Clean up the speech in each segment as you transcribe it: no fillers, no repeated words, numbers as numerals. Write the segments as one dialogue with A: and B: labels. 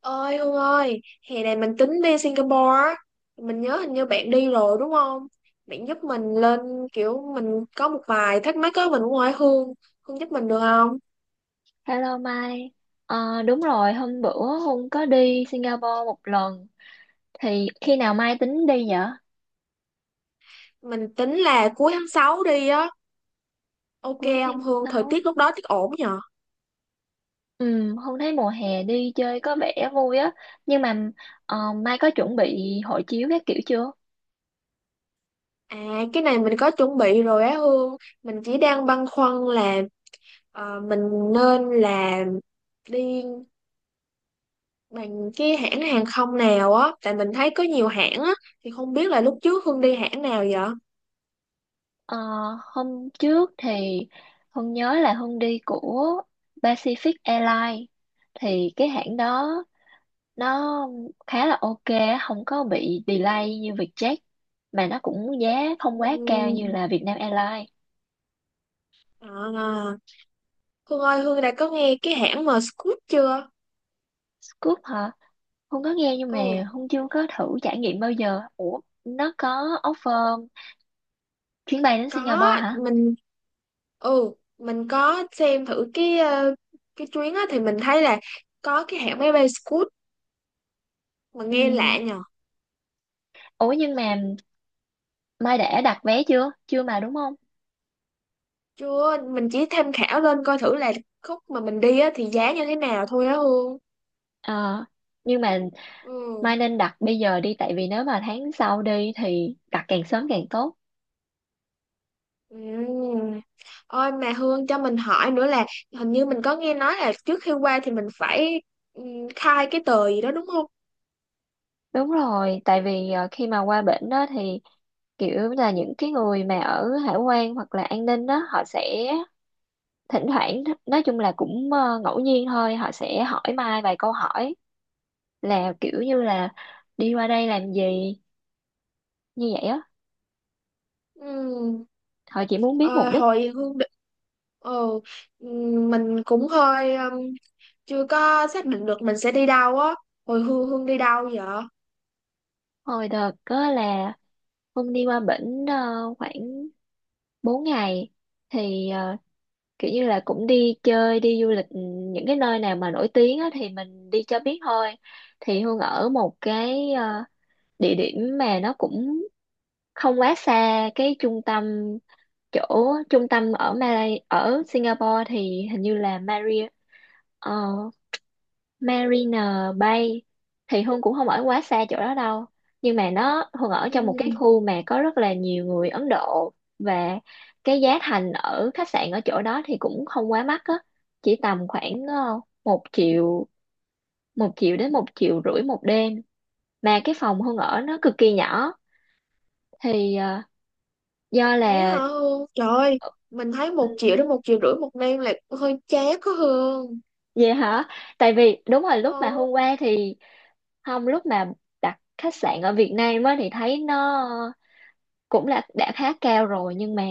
A: Ơi Hương ơi, hè này mình tính đi Singapore á. Mình nhớ hình như bạn đi rồi đúng không? Bạn giúp mình lên, kiểu mình có một vài thắc mắc á, mình cũng hỏi Hương. Hương giúp mình được không?
B: Hello Mai. Đúng rồi, hôm bữa Hùng có đi Singapore một lần. Thì khi nào Mai tính đi vậy?
A: Mình tính là cuối tháng 6 đi á. Ok,
B: Cuối tháng
A: không Hương thời
B: 6.
A: tiết lúc đó tiết ổn nhờ?
B: Ừ, Hùng thấy mùa hè đi chơi có vẻ vui á, nhưng mà ờ, Mai có chuẩn bị hộ chiếu các kiểu chưa?
A: À, cái này mình có chuẩn bị rồi á Hương. Mình chỉ đang băn khoăn là mình nên là đi bằng cái hãng hàng không nào á, tại mình thấy có nhiều hãng á. Thì không biết là lúc trước Hương đi hãng nào vậy?
B: Ờ, Hôm trước thì Hùng nhớ là Hùng đi của Pacific Airlines, thì cái hãng đó nó khá là ok, không có bị delay như Vietjet, mà nó cũng giá không quá cao như
A: Ừm.
B: là Vietnam Airlines.
A: À, Hương ơi, Hương đã có nghe cái hãng mà Scoot chưa?
B: Scoop hả? Hương có nghe nhưng mà
A: Ừ,
B: Hương chưa có thử trải nghiệm bao giờ. Ủa, nó có offer chuyến bay đến
A: có,
B: Singapore hả?
A: mình mình có xem thử cái cái chuyến á, thì mình thấy là có cái hãng máy bay Scoot mà
B: Ừ.
A: nghe lạ nhờ.
B: Ủa nhưng mà Mai đã đặt vé chưa? Chưa mà đúng không?
A: Chưa, mình chỉ tham khảo lên coi thử là khúc mà mình đi á thì giá như thế nào thôi á Hương.
B: Ờ, nhưng mà
A: Ừ.
B: Mai nên đặt bây giờ đi, tại vì nếu mà tháng sau đi thì đặt càng sớm càng tốt.
A: Ừm. Ôi mà Hương cho mình hỏi nữa là hình như mình có nghe nói là trước khi qua thì mình phải ừm, khai cái tờ gì đó đúng không?
B: Đúng rồi, tại vì khi mà qua bển đó thì kiểu là những cái người mà ở hải quan hoặc là an ninh đó họ sẽ thỉnh thoảng, nói chung là cũng ngẫu nhiên thôi, họ sẽ hỏi Mai vài câu hỏi là kiểu như là đi qua đây làm gì, như vậy á,
A: Ừ.
B: họ chỉ muốn biết mục
A: Ờ,
B: đích.
A: hồi Hương định, ừ, mình cũng hơi chưa có xác định được mình sẽ đi đâu á. Hồi Hương Hương đi đâu vậy?
B: Hồi đợt có là Hưng đi qua bển khoảng 4 ngày, thì kiểu như là cũng đi chơi đi du lịch, những cái nơi nào mà nổi tiếng á thì mình đi cho biết thôi. Thì Hương ở một cái địa điểm mà nó cũng không quá xa cái trung tâm. Chỗ trung tâm ở Malay ở Singapore thì hình như là Marina Bay. Thì Hương cũng không ở quá xa chỗ đó đâu, nhưng mà nó Hương ở trong một cái
A: Ừ,
B: khu mà có rất là nhiều người Ấn Độ. Và cái giá thành ở khách sạn ở chỗ đó thì cũng không quá mắc á, chỉ tầm khoảng một triệu đến một triệu rưỡi một đêm. Mà cái phòng Hương ở nó cực kỳ nhỏ thì do
A: vậy hả
B: là
A: Hương, trời ơi.
B: ờ,
A: Mình thấy
B: ừ.
A: một triệu đến một triệu rưỡi một đêm là hơi chát có Hương.
B: Vậy hả? Tại vì đúng rồi, lúc mà
A: Ừ.
B: hôm qua thì không, lúc mà đặt khách sạn ở Việt Nam á thì thấy nó cũng là đã khá cao rồi, nhưng mà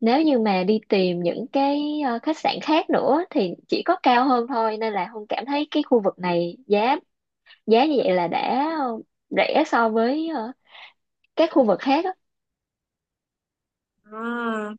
B: nếu như mà đi tìm những cái khách sạn khác nữa thì chỉ có cao hơn thôi, nên là Hương cảm thấy cái khu vực này giá giá như vậy là đã rẻ so với các khu vực khác á.
A: À,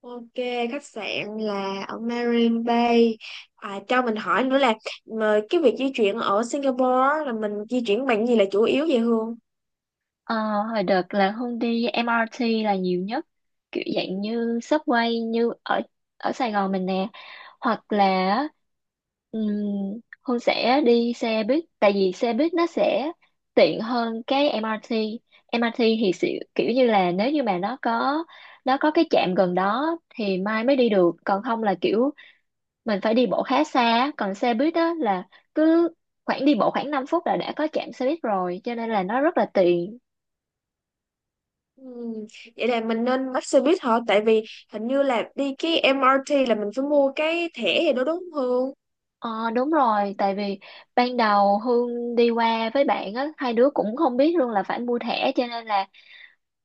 A: ok, khách sạn là ở Marine Bay. À, cho mình hỏi nữa là mà cái việc di chuyển ở Singapore á, là mình di chuyển bằng gì là chủ yếu vậy Hương?
B: Ờ, Hồi đợt là Hương đi MRT là nhiều nhất, kiểu dạng như subway như ở ở Sài Gòn mình nè, hoặc là um, Hương sẽ đi xe buýt, tại vì xe buýt nó sẽ tiện hơn cái MRT. MRT thì sẽ, kiểu như là nếu như mà nó có cái trạm gần đó thì mai mới đi được, còn không là kiểu mình phải đi bộ khá xa, còn xe buýt đó là cứ khoảng đi bộ khoảng 5 phút là đã có trạm xe buýt rồi cho nên là nó rất là tiện.
A: Ừm. Vậy là mình nên bắt xe buýt hả? Tại vì hình như là đi cái MRT là mình phải mua cái thẻ gì đó đúng không Hương?
B: Ờ đúng rồi, tại vì ban đầu Hương đi qua với bạn á, hai đứa cũng không biết luôn là phải mua thẻ cho nên là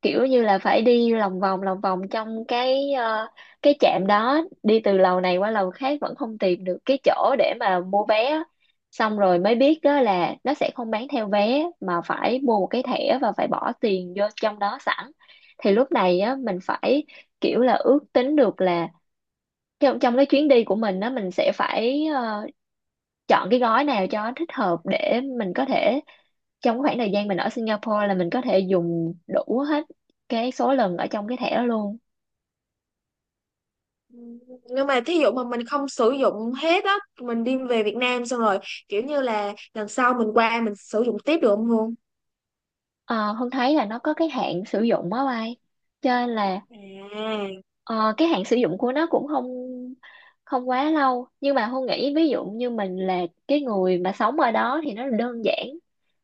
B: kiểu như là phải đi lòng vòng trong cái cái trạm đó, đi từ lầu này qua lầu khác vẫn không tìm được cái chỗ để mà mua vé á. Xong rồi mới biết đó là nó sẽ không bán theo vé mà phải mua một cái thẻ và phải bỏ tiền vô trong đó sẵn. Thì lúc này á mình phải kiểu là ước tính được là trong trong cái chuyến đi của mình á, mình sẽ phải chọn cái gói nào cho thích hợp để mình có thể trong khoảng thời gian mình ở Singapore là mình có thể dùng đủ hết cái số lần ở trong cái thẻ đó luôn.
A: Ừm. Nhưng mà thí dụ mà mình không sử dụng hết á, mình đi về Việt Nam xong rồi, kiểu như là lần sau mình qua mình sử dụng tiếp được không Hương?
B: Ờ, Hương thấy là nó có cái hạn sử dụng á bay cho nên là
A: À.
B: ờ, cái hạn sử dụng của nó cũng không không quá lâu, nhưng mà Hương nghĩ ví dụ như mình là cái người mà sống ở đó thì nó đơn giản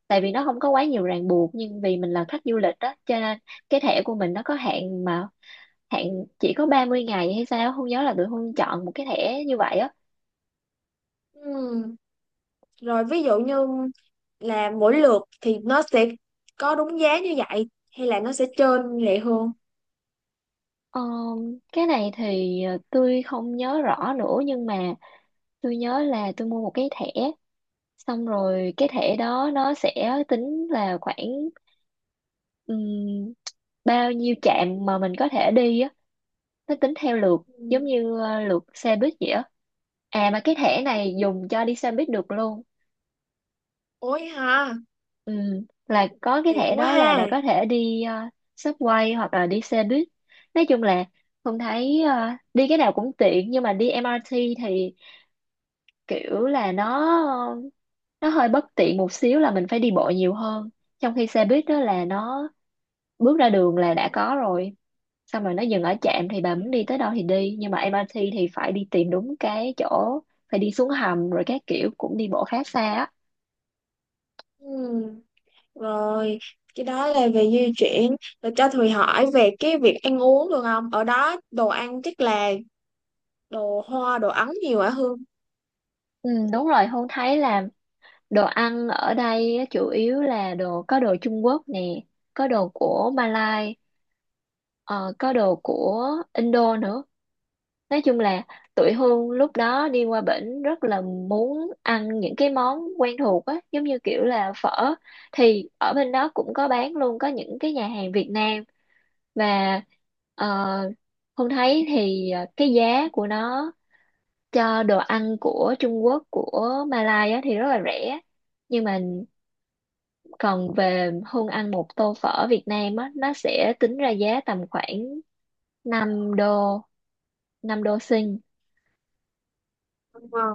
B: tại vì nó không có quá nhiều ràng buộc, nhưng vì mình là khách du lịch đó cho nên cái thẻ của mình nó có hạn, mà hạn chỉ có 30 ngày hay sao không nhớ, là tụi Hương chọn một cái thẻ như vậy á.
A: Ừm. Rồi ví dụ như là mỗi lượt thì nó sẽ có đúng giá như vậy hay là nó sẽ trên lệ Hương?
B: Ờ, cái này thì tôi không nhớ rõ nữa, nhưng mà tôi nhớ là tôi mua một cái thẻ, xong rồi cái thẻ đó nó sẽ tính là khoảng ừm, bao nhiêu trạm mà mình có thể đi á, nó tính theo lượt giống
A: Ừm.
B: như lượt xe buýt vậy á. À mà cái thẻ này dùng cho đi xe buýt được luôn.
A: Ôi ha,
B: Ừ, là có cái
A: tiện
B: thẻ
A: quá
B: đó là
A: ha.
B: bà có thể đi subway hoặc là đi xe buýt. Nói chung là Hùng thấy đi cái nào cũng tiện, nhưng mà đi MRT thì kiểu là nó hơi bất tiện một xíu là mình phải đi bộ nhiều hơn. Trong khi xe buýt đó là nó bước ra đường là đã có rồi. Xong rồi nó dừng ở trạm thì bà muốn đi tới đâu thì đi. Nhưng mà MRT thì phải đi tìm đúng cái chỗ, phải đi xuống hầm rồi các kiểu cũng đi bộ khá xa á.
A: Ừ. Rồi, cái đó là về di chuyển. Rồi cho Thùy hỏi về cái việc ăn uống được không? Ở đó đồ ăn chắc là đồ hoa, đồ Ấn nhiều hả Hương?
B: Ừ, đúng rồi, hôn thấy là đồ ăn ở đây á, chủ yếu là đồ, có đồ Trung Quốc nè, có đồ của Malai, ờ, có đồ của Indo nữa, nói chung là tụi Hương lúc đó đi qua bển rất là muốn ăn những cái món quen thuộc á, giống như kiểu là phở, thì ở bên đó cũng có bán luôn, có những cái nhà hàng Việt Nam. Và ờ, Hương thấy thì cái giá của nó cho đồ ăn của Trung Quốc của Malai á thì rất là rẻ, nhưng mà còn về Hương ăn một tô phở Việt Nam á nó sẽ tính ra giá tầm khoảng 5 đô, 5 đô Sinh.
A: Đúng không?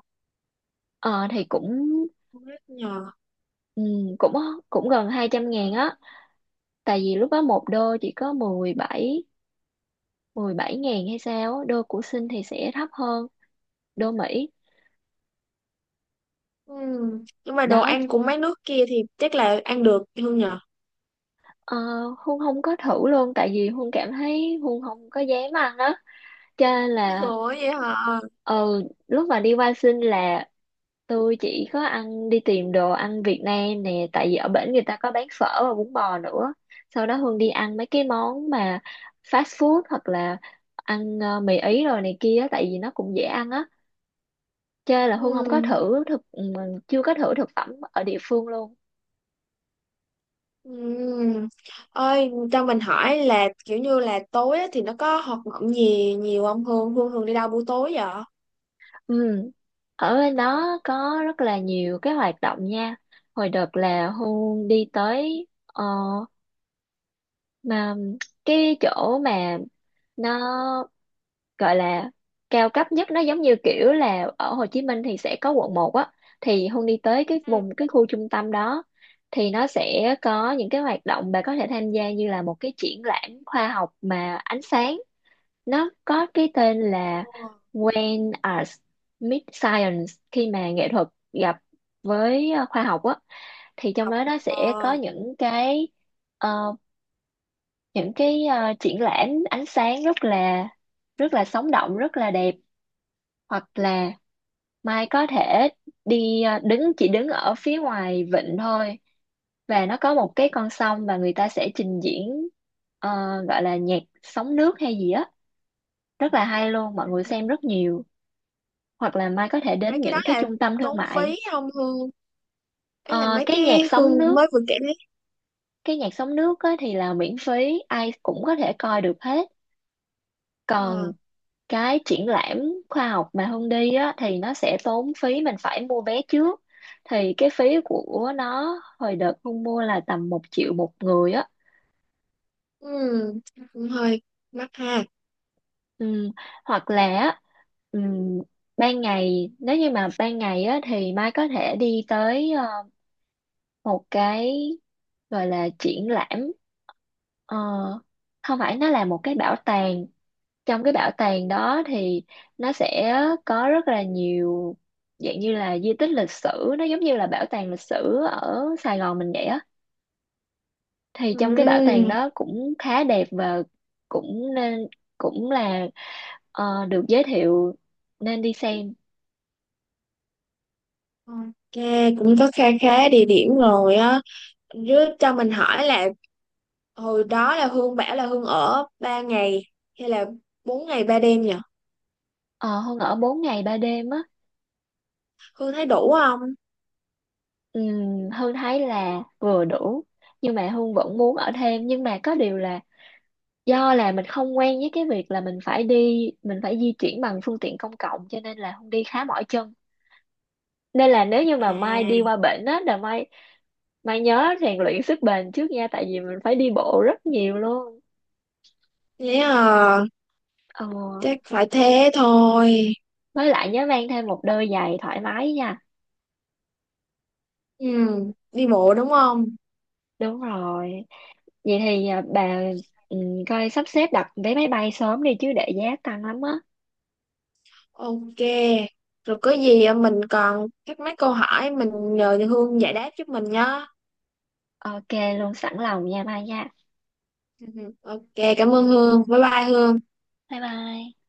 B: Ờ thì cũng
A: Không biết nhờ.
B: ừ, cũng cũng gần 200.000 á, tại vì lúc đó một đô chỉ có 17.000 hay sao á, đô của Sinh thì sẽ thấp hơn đô Mỹ.
A: Ừ. Nhưng mà đồ
B: Đó
A: ăn của mấy nước kia thì chắc là ăn được Hương nhờ.
B: ờ, Hương không có thử luôn tại vì Hương cảm thấy Hương không có dám ăn á, cho nên là
A: Ủa vậy hả?
B: ừ lúc mà đi qua sinh là tôi chỉ có ăn, đi tìm đồ ăn Việt Nam nè, tại vì ở bển người ta có bán phở và bún bò nữa, sau đó Hương đi ăn mấy cái món mà fast food hoặc là ăn mì Ý rồi này kia á, tại vì nó cũng dễ ăn á, chơi là Hương không có
A: Ừ.
B: thử thực, chưa có thử thực phẩm ở địa phương luôn.
A: Ừ. Ơi, cho mình hỏi là kiểu như là tối á thì nó có hoạt động gì nhiều không Hương? Hương thường đi đâu buổi tối vậy?
B: Ừ. Ở bên đó có rất là nhiều cái hoạt động nha, hồi đợt là Hương đi tới mà cái chỗ mà nó gọi là cao cấp nhất, nó giống như kiểu là ở Hồ Chí Minh thì sẽ có quận một á, thì Hương đi tới cái
A: Ừ.
B: vùng cái khu trung tâm đó thì nó sẽ có những cái hoạt động bà có thể tham gia như là một cái triển lãm khoa học mà ánh sáng, nó có cái tên là
A: Ờ.
B: When Arts Meet Science, khi mà nghệ thuật gặp với khoa học á. Thì trong đó nó sẽ có
A: Ờ.
B: những cái ờ, triển lãm ánh sáng rất là sống động rất là đẹp. Hoặc là Mai có thể đi đứng, chỉ đứng ở phía ngoài vịnh thôi, và nó có một cái con sông và người ta sẽ trình diễn ờ, gọi là nhạc sóng nước hay gì á, rất là hay luôn, mọi
A: Ừ.
B: người xem rất nhiều. Hoặc là Mai có thể
A: Mấy
B: đến
A: cái đó
B: những cái
A: là
B: trung tâm thương
A: tốn phí
B: mại.
A: không Hương? Ấy là
B: Ờ,
A: mấy
B: cái nhạc
A: cái
B: sóng
A: Hương
B: nước
A: mới vừa kể đấy.
B: cái nhạc sóng nước á thì là miễn phí, ai cũng có thể coi được hết. Còn
A: Ờ.
B: cái triển lãm khoa học mà Hương đi á thì nó sẽ tốn phí, mình phải mua vé trước. Thì cái phí của nó hồi đợt Hương mua là tầm một triệu một người á.
A: Ừ, cũng hơi mắc ha.
B: Ừ. Hoặc là á, ừm, ban ngày nếu như mà ban ngày á thì Mai có thể đi tới một cái gọi là triển lãm. Ờ, Không phải, nó là một cái bảo tàng. Trong cái bảo tàng đó thì nó sẽ có rất là nhiều dạng như là di tích lịch sử, nó giống như là bảo tàng lịch sử ở Sài Gòn mình vậy á, thì trong cái bảo
A: Ừ.
B: tàng đó cũng khá đẹp và cũng nên cũng là được giới thiệu, nên đi xem.
A: Ok, cũng có kha khá địa điểm rồi á. Chứ cho mình hỏi là hồi đó là Hương bảo là Hương ở ba ngày hay là bốn ngày ba đêm nhỉ?
B: Ờ, Hương ở 4 ngày 3 đêm á,
A: Hương thấy đủ không?
B: Hương thấy là vừa đủ, nhưng mà Hương vẫn muốn ở thêm, nhưng mà có điều là do là mình không quen với cái việc là mình phải di chuyển bằng phương tiện công cộng, cho nên là Hương đi khá mỏi chân, nên là nếu như mà Mai đi
A: À,
B: qua bển á là Mai Mai nhớ rèn luyện sức bền trước nha, tại vì mình phải đi bộ rất nhiều luôn,
A: thế à,
B: ờ,
A: chắc phải thế thôi.
B: với lại nhớ mang thêm một đôi giày thoải mái nha,
A: Ừ, đi bộ đúng không?
B: đúng rồi vậy thì bà ừ, coi sắp xếp đặt vé máy bay sớm đi chứ để giá tăng lắm á.
A: Ok, rồi có gì mình còn thắc mắc câu hỏi mình nhờ Hương giải đáp giúp mình nhá.
B: Ok, luôn sẵn lòng nha Mai nha.
A: Ừ, ừ. Ok, cảm ơn Hương. Bye bye Hương.
B: Bye bye.